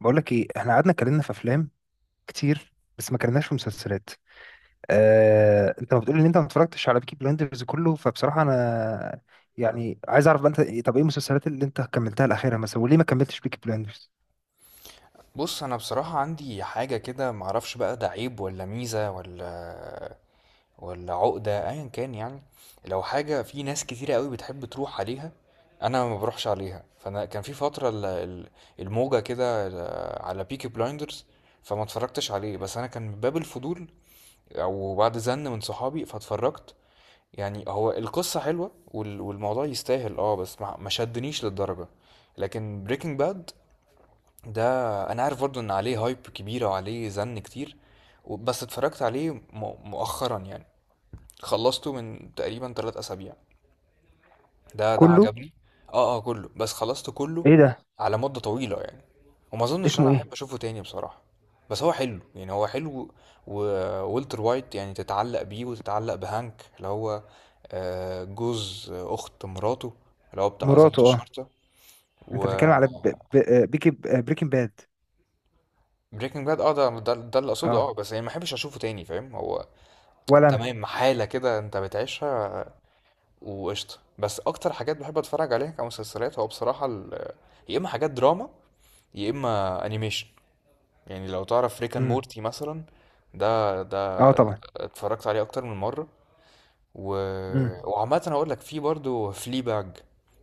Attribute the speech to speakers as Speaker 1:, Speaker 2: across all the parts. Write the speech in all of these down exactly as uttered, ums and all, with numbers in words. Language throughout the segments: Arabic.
Speaker 1: بقول لك ايه، احنا قعدنا اتكلمنا في افلام كتير بس ما اتكلمناش في مسلسلات. اه... انت ما بتقول ان انت ما اتفرجتش على بيكي بلايندرز كله؟ فبصراحه انا يعني عايز اعرف بقى انت إيه، طب ايه المسلسلات اللي انت كملتها الاخيره مثلا، وليه ما كملتش بيكي بلايندرز
Speaker 2: بص، انا بصراحة عندي حاجة كده معرفش بقى ده عيب ولا ميزة ولا ولا عقدة ايا كان، يعني. لو حاجة في ناس كتيرة قوي بتحب تروح عليها انا ما بروحش عليها. فانا كان في فترة ال- ال- الموجة كده ال- على بيكي بلايندرز فما اتفرجتش عليه. بس انا كان من باب الفضول او بعد زن من صحابي فاتفرجت. يعني هو القصة حلوة وال- والموضوع يستاهل، اه بس ما ما شدنيش للدرجة. لكن بريكنج باد ده انا عارف برضو ان عليه هايب كبيره وعليه زن كتير، و- بس اتفرجت عليه م- مؤخرا يعني. خلصته من تقريبا ثلاث اسابيع. ده ده
Speaker 1: كله؟
Speaker 2: عجبني. اه اه، كله، بس خلصته كله
Speaker 1: ايه ده؟
Speaker 2: على مده طويله يعني. وما اظنش إن
Speaker 1: اسمه
Speaker 2: انا
Speaker 1: ايه؟
Speaker 2: احب اشوفه تاني بصراحه. بس هو حلو يعني، هو حلو. وولتر وايت يعني تتعلق بيه وتتعلق بهانك اللي هو، آه، جوز اخت مراته، اللي هو بتاع ضابط
Speaker 1: مراته، اه.
Speaker 2: الشرطه.
Speaker 1: انت
Speaker 2: و
Speaker 1: بتتكلم على ب... ب... آه، بيكي بريكنج باد؟
Speaker 2: بريكنج باد، اه، ده ده ده اللي اقصده، اه،
Speaker 1: اه.
Speaker 2: بس يعني ما احبش اشوفه تاني، فاهم. هو
Speaker 1: ولا انا.
Speaker 2: تمام حاله كده انت بتعيشها وقشطه. بس اكتر حاجات بحب اتفرج عليها كمسلسلات هو بصراحه، ال- يا اما حاجات دراما يا اما انيميشن. يعني لو تعرف ريكان
Speaker 1: امم.
Speaker 2: مورتي مثلا، ده ده
Speaker 1: اه طبعا.
Speaker 2: اتفرجت عليه اكتر من مره. و... وعامه هقول لك في برضو فلي باج.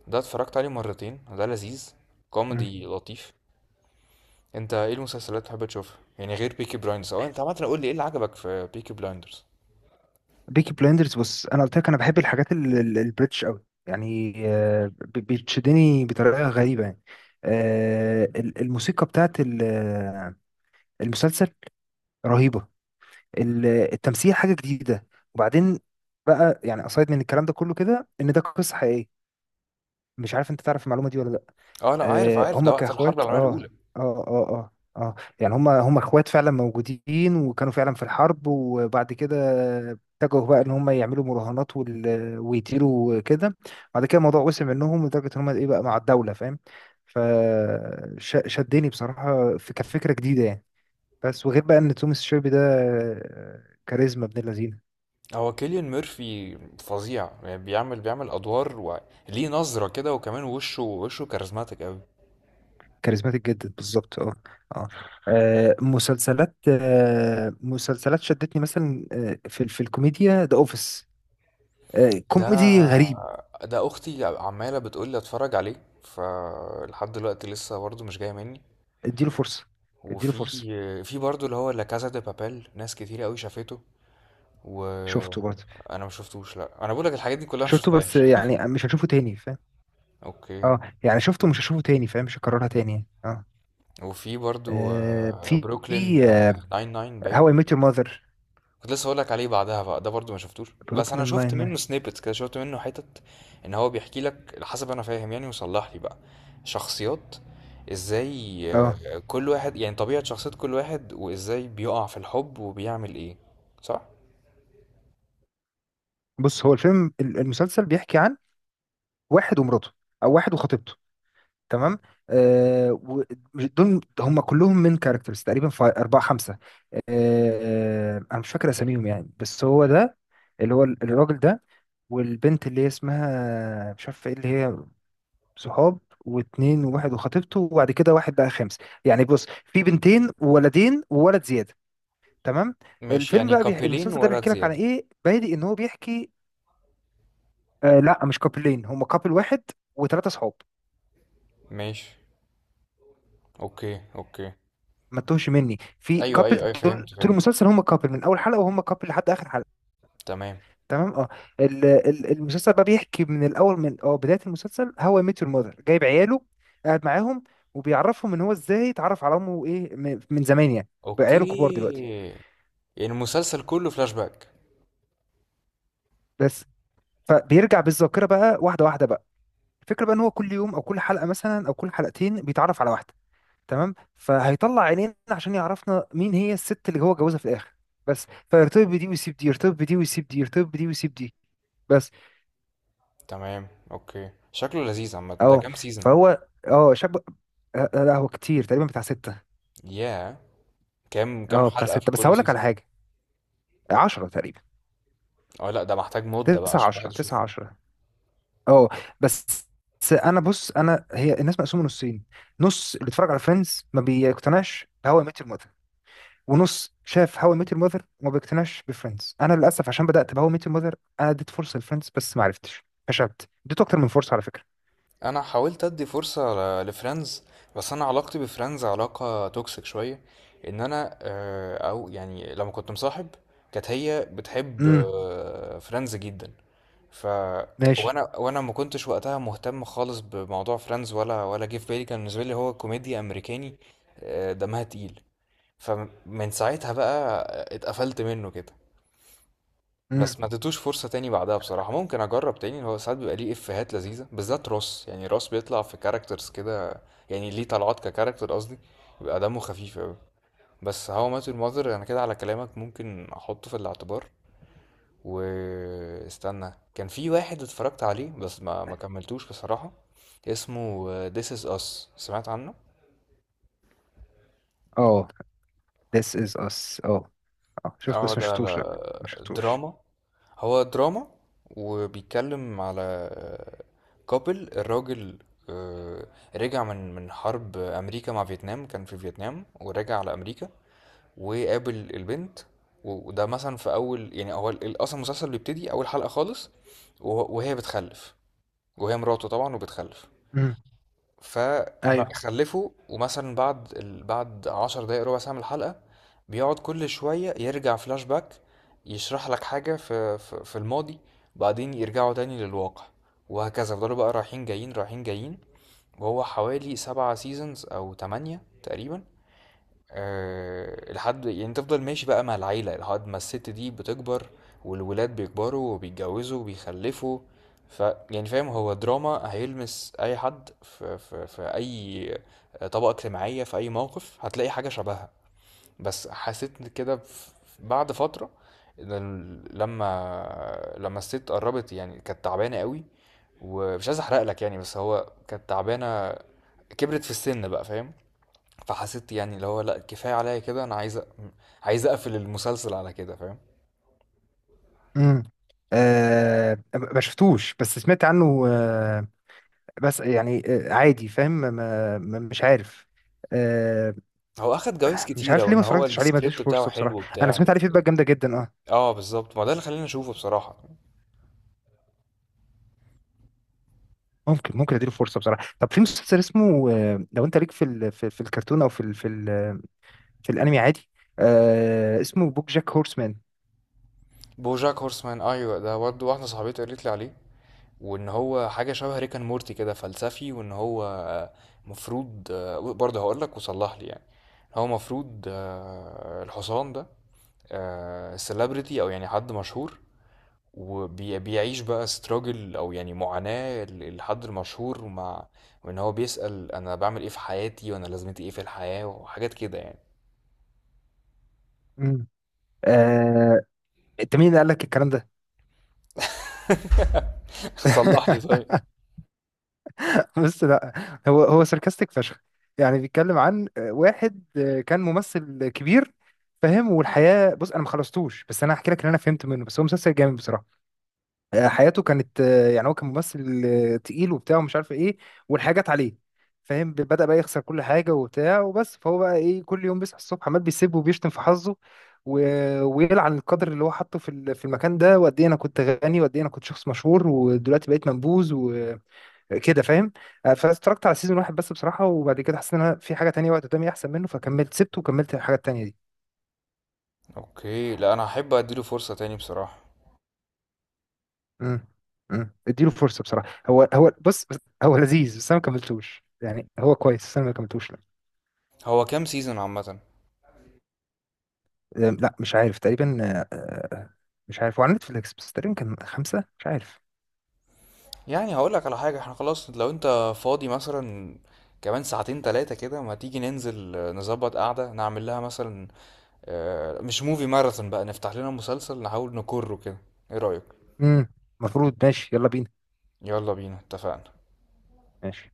Speaker 2: ده اتفرجت عليه مرتين، ده لذيذ،
Speaker 1: امم.
Speaker 2: كوميدي لطيف. انت ايه المسلسلات اللي بتحب تشوفها يعني غير بيكي بلايندرز؟ او انت عامه قول لي ايه اللي عجبك في بيكي بلايندرز.
Speaker 1: بيكي بلايندرز، بص انا قلت لك انا بحب الحاجات ال- ال- البريتش قوي يعني. آه، ب- بتشدني بطريقه غريبه يعني. آه، ال- الموسيقى بتاعت ال- آه، المسلسل رهيبه. ال- التمثيل حاجه جديده. وبعدين بقى، يعني اصide من الكلام ده كله، كده ان ده قصه حقيقيه. مش عارف انت تعرف المعلومه دي ولا لا.
Speaker 2: اه انا عارف،
Speaker 1: آه،
Speaker 2: عارف ده
Speaker 1: هما
Speaker 2: وقت الحرب
Speaker 1: كاخوات،
Speaker 2: العالميه الاولى.
Speaker 1: اه اه اه اه. اه يعني هما هما اخوات فعلا موجودين، وكانوا فعلا في الحرب، وبعد كده اتجهوا بقى ان هما يعملوا مراهنات وال... ويطيروا وكده. بعد كده الموضوع وسع منهم لدرجة ان هما ايه بقى مع الدولة، فاهم؟ فشدني بصراحة، في كانت فكرة جديدة يعني. بس وغير بقى ان توماس شيلبي ده، آه، كاريزما ابن اللذين.
Speaker 2: هو كيليان ميرفي فظيع يعني، بيعمل بيعمل ادوار وليه نظره كده، وكمان وشه وشه كاريزماتيك قوي.
Speaker 1: كاريزماتيك جدا، بالظبط، اه. اه. آه، مسلسلات آه، مسلسلات شدتني مثلا، آه، في في الكوميديا ذا اوفيس.
Speaker 2: ده
Speaker 1: كوميدي غريب.
Speaker 2: ده اختي عماله بتقول لي اتفرج عليه فلحد دلوقتي لسه برضه مش جايه مني.
Speaker 1: اديله فرصه. اديله
Speaker 2: وفي
Speaker 1: فرصه.
Speaker 2: في برضه اللي هو لا كازا دي بابيل، ناس كتير قوي شافته
Speaker 1: شفته برضه.
Speaker 2: وانا ما شفتوش. لا انا بقول لك الحاجات دي كلها ما
Speaker 1: شفته بس
Speaker 2: شفتهاش.
Speaker 1: يعني مش هشوفه تاني، فاهم؟
Speaker 2: اوكي.
Speaker 1: اه يعني شفته، مش هشوفه تاني، فاهم؟ مش هكررها تاني يعني. اه.
Speaker 2: وفي برضه،
Speaker 1: آه،
Speaker 2: آه،
Speaker 1: في
Speaker 2: بروكلين ناين ناين باين.
Speaker 1: هواي ميت يور ماذر،
Speaker 2: كنت لسه هقولك عليه بعدها بقى، ده برضو ما شفتوش بس انا
Speaker 1: بروكلين
Speaker 2: شفت
Speaker 1: ناين، اه. How I Met Your
Speaker 2: منه
Speaker 1: Mother، Brooklyn Nine-Nine.
Speaker 2: سنيبتس كده، شفت منه حتت. ان هو بيحكي لك، على حسب انا فاهم يعني وصلح لي بقى، شخصيات ازاي،
Speaker 1: آه.
Speaker 2: آه، كل واحد يعني طبيعة شخصية كل واحد وازاي بيقع في الحب وبيعمل ايه، صح؟
Speaker 1: بص، هو الفيلم ال- المسلسل بيحكي عن واحد ومراته، او واحد وخطيبته. تمام. آه و- دول هم كلهم من كاركترز تقريبا في أربعة خمسة. آه أنا مش فاكر أساميهم يعني، بس هو ده، اللي هو الراجل ده، والبنت اللي هي اسمها مش عارف ايه، اللي هي صحاب. واتنين، وواحد وخطيبته، وبعد كده واحد بقى خامس. يعني بص، في بنتين وولدين، وولد زيادة. تمام.
Speaker 2: ماشي
Speaker 1: الفيلم
Speaker 2: يعني
Speaker 1: بقى بيح...
Speaker 2: كابلين
Speaker 1: المسلسل ده
Speaker 2: ولد
Speaker 1: بيحكي لك على
Speaker 2: زيادة.
Speaker 1: ايه، بادئ ان هو بيحكي. آه لا، مش كابلين، هم كابل واحد وثلاثة صحاب.
Speaker 2: ماشي، اوكي اوكي.
Speaker 1: ما تتوهش مني في
Speaker 2: ايوه
Speaker 1: كابل.
Speaker 2: ايوه ايوه،
Speaker 1: طول
Speaker 2: فهمت
Speaker 1: طول
Speaker 2: فهمت.
Speaker 1: المسلسل هم كابل من اول حلقه، وهم كابل لحد اخر حلقه.
Speaker 2: تمام
Speaker 1: تمام اه. ال- ال- المسلسل بقى بيحكي من الاول، من اه بدايه المسلسل، هو ميت يور ماذر جايب عياله، قاعد معاهم، وبيعرفهم ان هو ازاي اتعرف على امه، ايه من من زمان يعني. بقى عياله كبار
Speaker 2: اوكي.
Speaker 1: دلوقتي
Speaker 2: يعني المسلسل كله فلاش باك.
Speaker 1: بس. فبيرجع بالذاكره بقى واحده واحده بقى. الفكره بقى ان هو كل يوم، او كل حلقه مثلا، او كل حلقتين بيتعرف على واحده. تمام. فهيطلع عينينا عشان يعرفنا مين هي الست اللي هو جوزها في الاخر بس. فيرتبط بدي ويسيب دي، يرتبط بدي ويسيب دي، يرتبط بدي ويسيب دي بس.
Speaker 2: تمام اوكي، شكله لذيذ عامة. ده
Speaker 1: اه
Speaker 2: كام سيزون؟
Speaker 1: فهو اه شاب. آه، لا هو كتير، تقريبا بتاع ستة.
Speaker 2: ياه، كام كام
Speaker 1: اه بتاع
Speaker 2: حلقة في
Speaker 1: ستة. بس
Speaker 2: كل
Speaker 1: هقول لك على
Speaker 2: سيزون؟
Speaker 1: حاجة، عشرة تقريبا.
Speaker 2: اه لا ده محتاج مدة بقى
Speaker 1: تسعة
Speaker 2: عشان الواحد
Speaker 1: عشرة
Speaker 2: يشوفه.
Speaker 1: تسعة عشرة اه بس. بس انا، بص انا، هي الناس مقسومه نصين. نص اللي اتفرج على فريندز ما بيقتنعش هو ميت الموت، ونص شاف هاو اي ميت يور ماذر وما بيقتنعش بفريندز. انا للاسف عشان بدات بهاو اي ميت يور ماذر، انا اديت فرصه لفريندز بس ما عرفتش، فشلت، اديته اكتر من فرصه على فكره.
Speaker 2: انا حاولت ادي فرصة لفريندز، بس انا علاقتي بفريندز علاقة توكسيك شوية. ان انا، آه، او يعني لما كنت مصاحب كانت هي بتحب
Speaker 1: امم.
Speaker 2: آه، فريندز جدا. ف
Speaker 1: ماشي.
Speaker 2: وانا وانا ما كنتش وقتها مهتم خالص بموضوع فريندز، ولا ولا جه في بالي. كان بالنسبة لي هو كوميديا امريكاني، آه، دمها تقيل. فمن ساعتها بقى اتقفلت منه كده.
Speaker 1: امم.
Speaker 2: بس ما اديتوش فرصة تاني بعدها بصراحة. ممكن اجرب تاني، هو ساعات بيبقى ليه افيهات لذيذة بالذات روس، يعني روس بيطلع في كاركترز كده يعني ليه طلعات ككاركتر قصدي، بيبقى دمه خفيف اوي. بس هاو مات يور ماذر انا كده على كلامك ممكن احطه في الاعتبار. واستنى، كان في واحد اتفرجت عليه بس ما ما كملتوش بصراحة، اسمه This is Us. سمعت عنه؟
Speaker 1: اه this is us، اه. اه شفت،
Speaker 2: اه
Speaker 1: بس ما
Speaker 2: ده
Speaker 1: شفتوش، لا.
Speaker 2: على
Speaker 1: ما شفتوش.
Speaker 2: دراما، هو دراما. وبيتكلم على كابل، الراجل، آه، رجع من من حرب امريكا مع فيتنام، كان في فيتنام ورجع على امريكا وقابل البنت. و- وده مثلا في اول، يعني هو ال- اصلا المسلسل بيبتدي اول حلقة خالص وه- وهي بتخلف، وهي مراته طبعا وبتخلف.
Speaker 1: امم.
Speaker 2: فبقى تمام
Speaker 1: ايوه.
Speaker 2: خلفه، ومثلا بعد ال... بعد عشر دقايق ربع ساعة من الحلقة بيقعد كل شوية يرجع فلاش باك، يشرح لك حاجة في في, في الماضي. وبعدين يرجعوا تاني للواقع وهكذا، فضلوا بقى رايحين جايين رايحين جايين. وهو حوالي سبعة سيزونز أو تمانية تقريبا. أه، لحد يعني، تفضل ماشي بقى مع العيلة لحد ما الست دي بتكبر والولاد بيكبروا وبيتجوزوا وبيخلفوا. ف يعني فاهم هو دراما هيلمس أي حد في, في, في أي طبقة اجتماعية، في أي موقف هتلاقي حاجة شبهها. بس حسيت كده ف- بعد فترة إن ال- لما لما الست قربت يعني كانت تعبانة قوي. ومش عايز أحرق لك يعني، بس هو كانت تعبانة، كبرت في السن بقى، فاهم؟ فحسيت يعني اللي هو لا كفايه عليا كده، انا عايز أ- عايز اقفل المسلسل على كده، فاهم.
Speaker 1: امم. آه ما شفتوش بس سمعت عنه، آه. بس يعني آه عادي، فاهم؟ ما ما- مش عارف. آه.
Speaker 2: هو اخد جوائز
Speaker 1: مش
Speaker 2: كتيره
Speaker 1: عارف ليه ما
Speaker 2: وان هو
Speaker 1: اتفرجتش عليه، ما اديتوش
Speaker 2: السكريبت بتاعه
Speaker 1: فرصه
Speaker 2: حلو
Speaker 1: بصراحه. انا
Speaker 2: وبتاع،
Speaker 1: سمعت عليه
Speaker 2: بس
Speaker 1: فيدباك جامده جدا، آه.
Speaker 2: اه بالظبط، ما ده اللي خلاني اشوفه بصراحه.
Speaker 1: ممكن، ممكن اديله فرصه بصراحه. طب في مسلسل اسمه، آه، لو انت ليك في ال في, في الكرتون، او في ال في ال في الانمي عادي، آه، اسمه بوك جاك هورسمان.
Speaker 2: بوجاك هورسمان، ايوه ده برضه واحده صاحبتي قالت لي عليه، وان هو حاجه شبه ريكان مورتي كده فلسفي، وان هو آه، مفروض، آه، برضه هقول لك وصلح لي يعني. هو مفروض، آه، الحصان ده السليبرتي او يعني حد مشهور، وبيعيش بقى استراجل او يعني معاناة الحد المشهور مع. وان هو بيسأل انا بعمل ايه في حياتي وانا لازمتي ايه في الحياة وحاجات كده يعني.
Speaker 1: مم. آه. انت مين اللي قال لك الكلام ده؟
Speaker 2: صلح لي طيب.
Speaker 1: بس لا، هو هو ساركاستيك فشخ. يعني بيتكلم عن آه، واحد، آه، كان ممثل كبير، فاهم؟ والحياه، بص انا ما خلصتوش بس انا هحكي لك اللي انا فهمت منه، بس هو مسلسل جامد بصراحه. حياته كانت، يعني هو كان ممثل تقيل وبتاع ومش عارف ايه، والحاجات جت عليه، فاهم؟ بدأ بقى يخسر كل حاجة وبتاع وبس. فهو بقى ايه، كل يوم بيصحى الصبح عمال بيسيب وبيشتم في حظه، و... ويلعن القدر اللي هو حاطه في ال- في المكان ده. وقد ايه انا كنت غني، وقد ايه انا كنت شخص مشهور، ودلوقتي بقيت منبوذ وكده، فاهم؟ آه، فاتفرجت على سيزون واحد بس بصراحة، وبعد كده حسيت ان انا في حاجة تانية وقت قدامي احسن منه، فكملت سبته وكملت الحاجة التانية دي.
Speaker 2: اوكي لا انا هحب اديله فرصة تاني بصراحة.
Speaker 1: امم. امم اديله فرصه بصراحه، هو هو بص، بص- هو لذيذ بس انا ما كملتوش، يعني هو كويس بس انا ما كملتوش، لا.
Speaker 2: هو كام سيزون عامة؟
Speaker 1: أم، لا، مش عارف، تقريبا. آه، آه، مش عارف، هو على نتفليكس بس تقريبا كان خمسه، مش عارف.
Speaker 2: يعني هقول لك على حاجة، احنا خلاص لو انت فاضي مثلا كمان ساعتين تلاتة كده، ما تيجي ننزل، آه، نظبط قعدة، نعمل لها مثلا آه، مش موفي ماراثون بقى، نفتح لنا مسلسل نحاول نكره كده. ايه رأيك؟
Speaker 1: امم. المفروض، ماشي، يلا بينا.
Speaker 2: يلا بينا، اتفقنا.
Speaker 1: ماشي.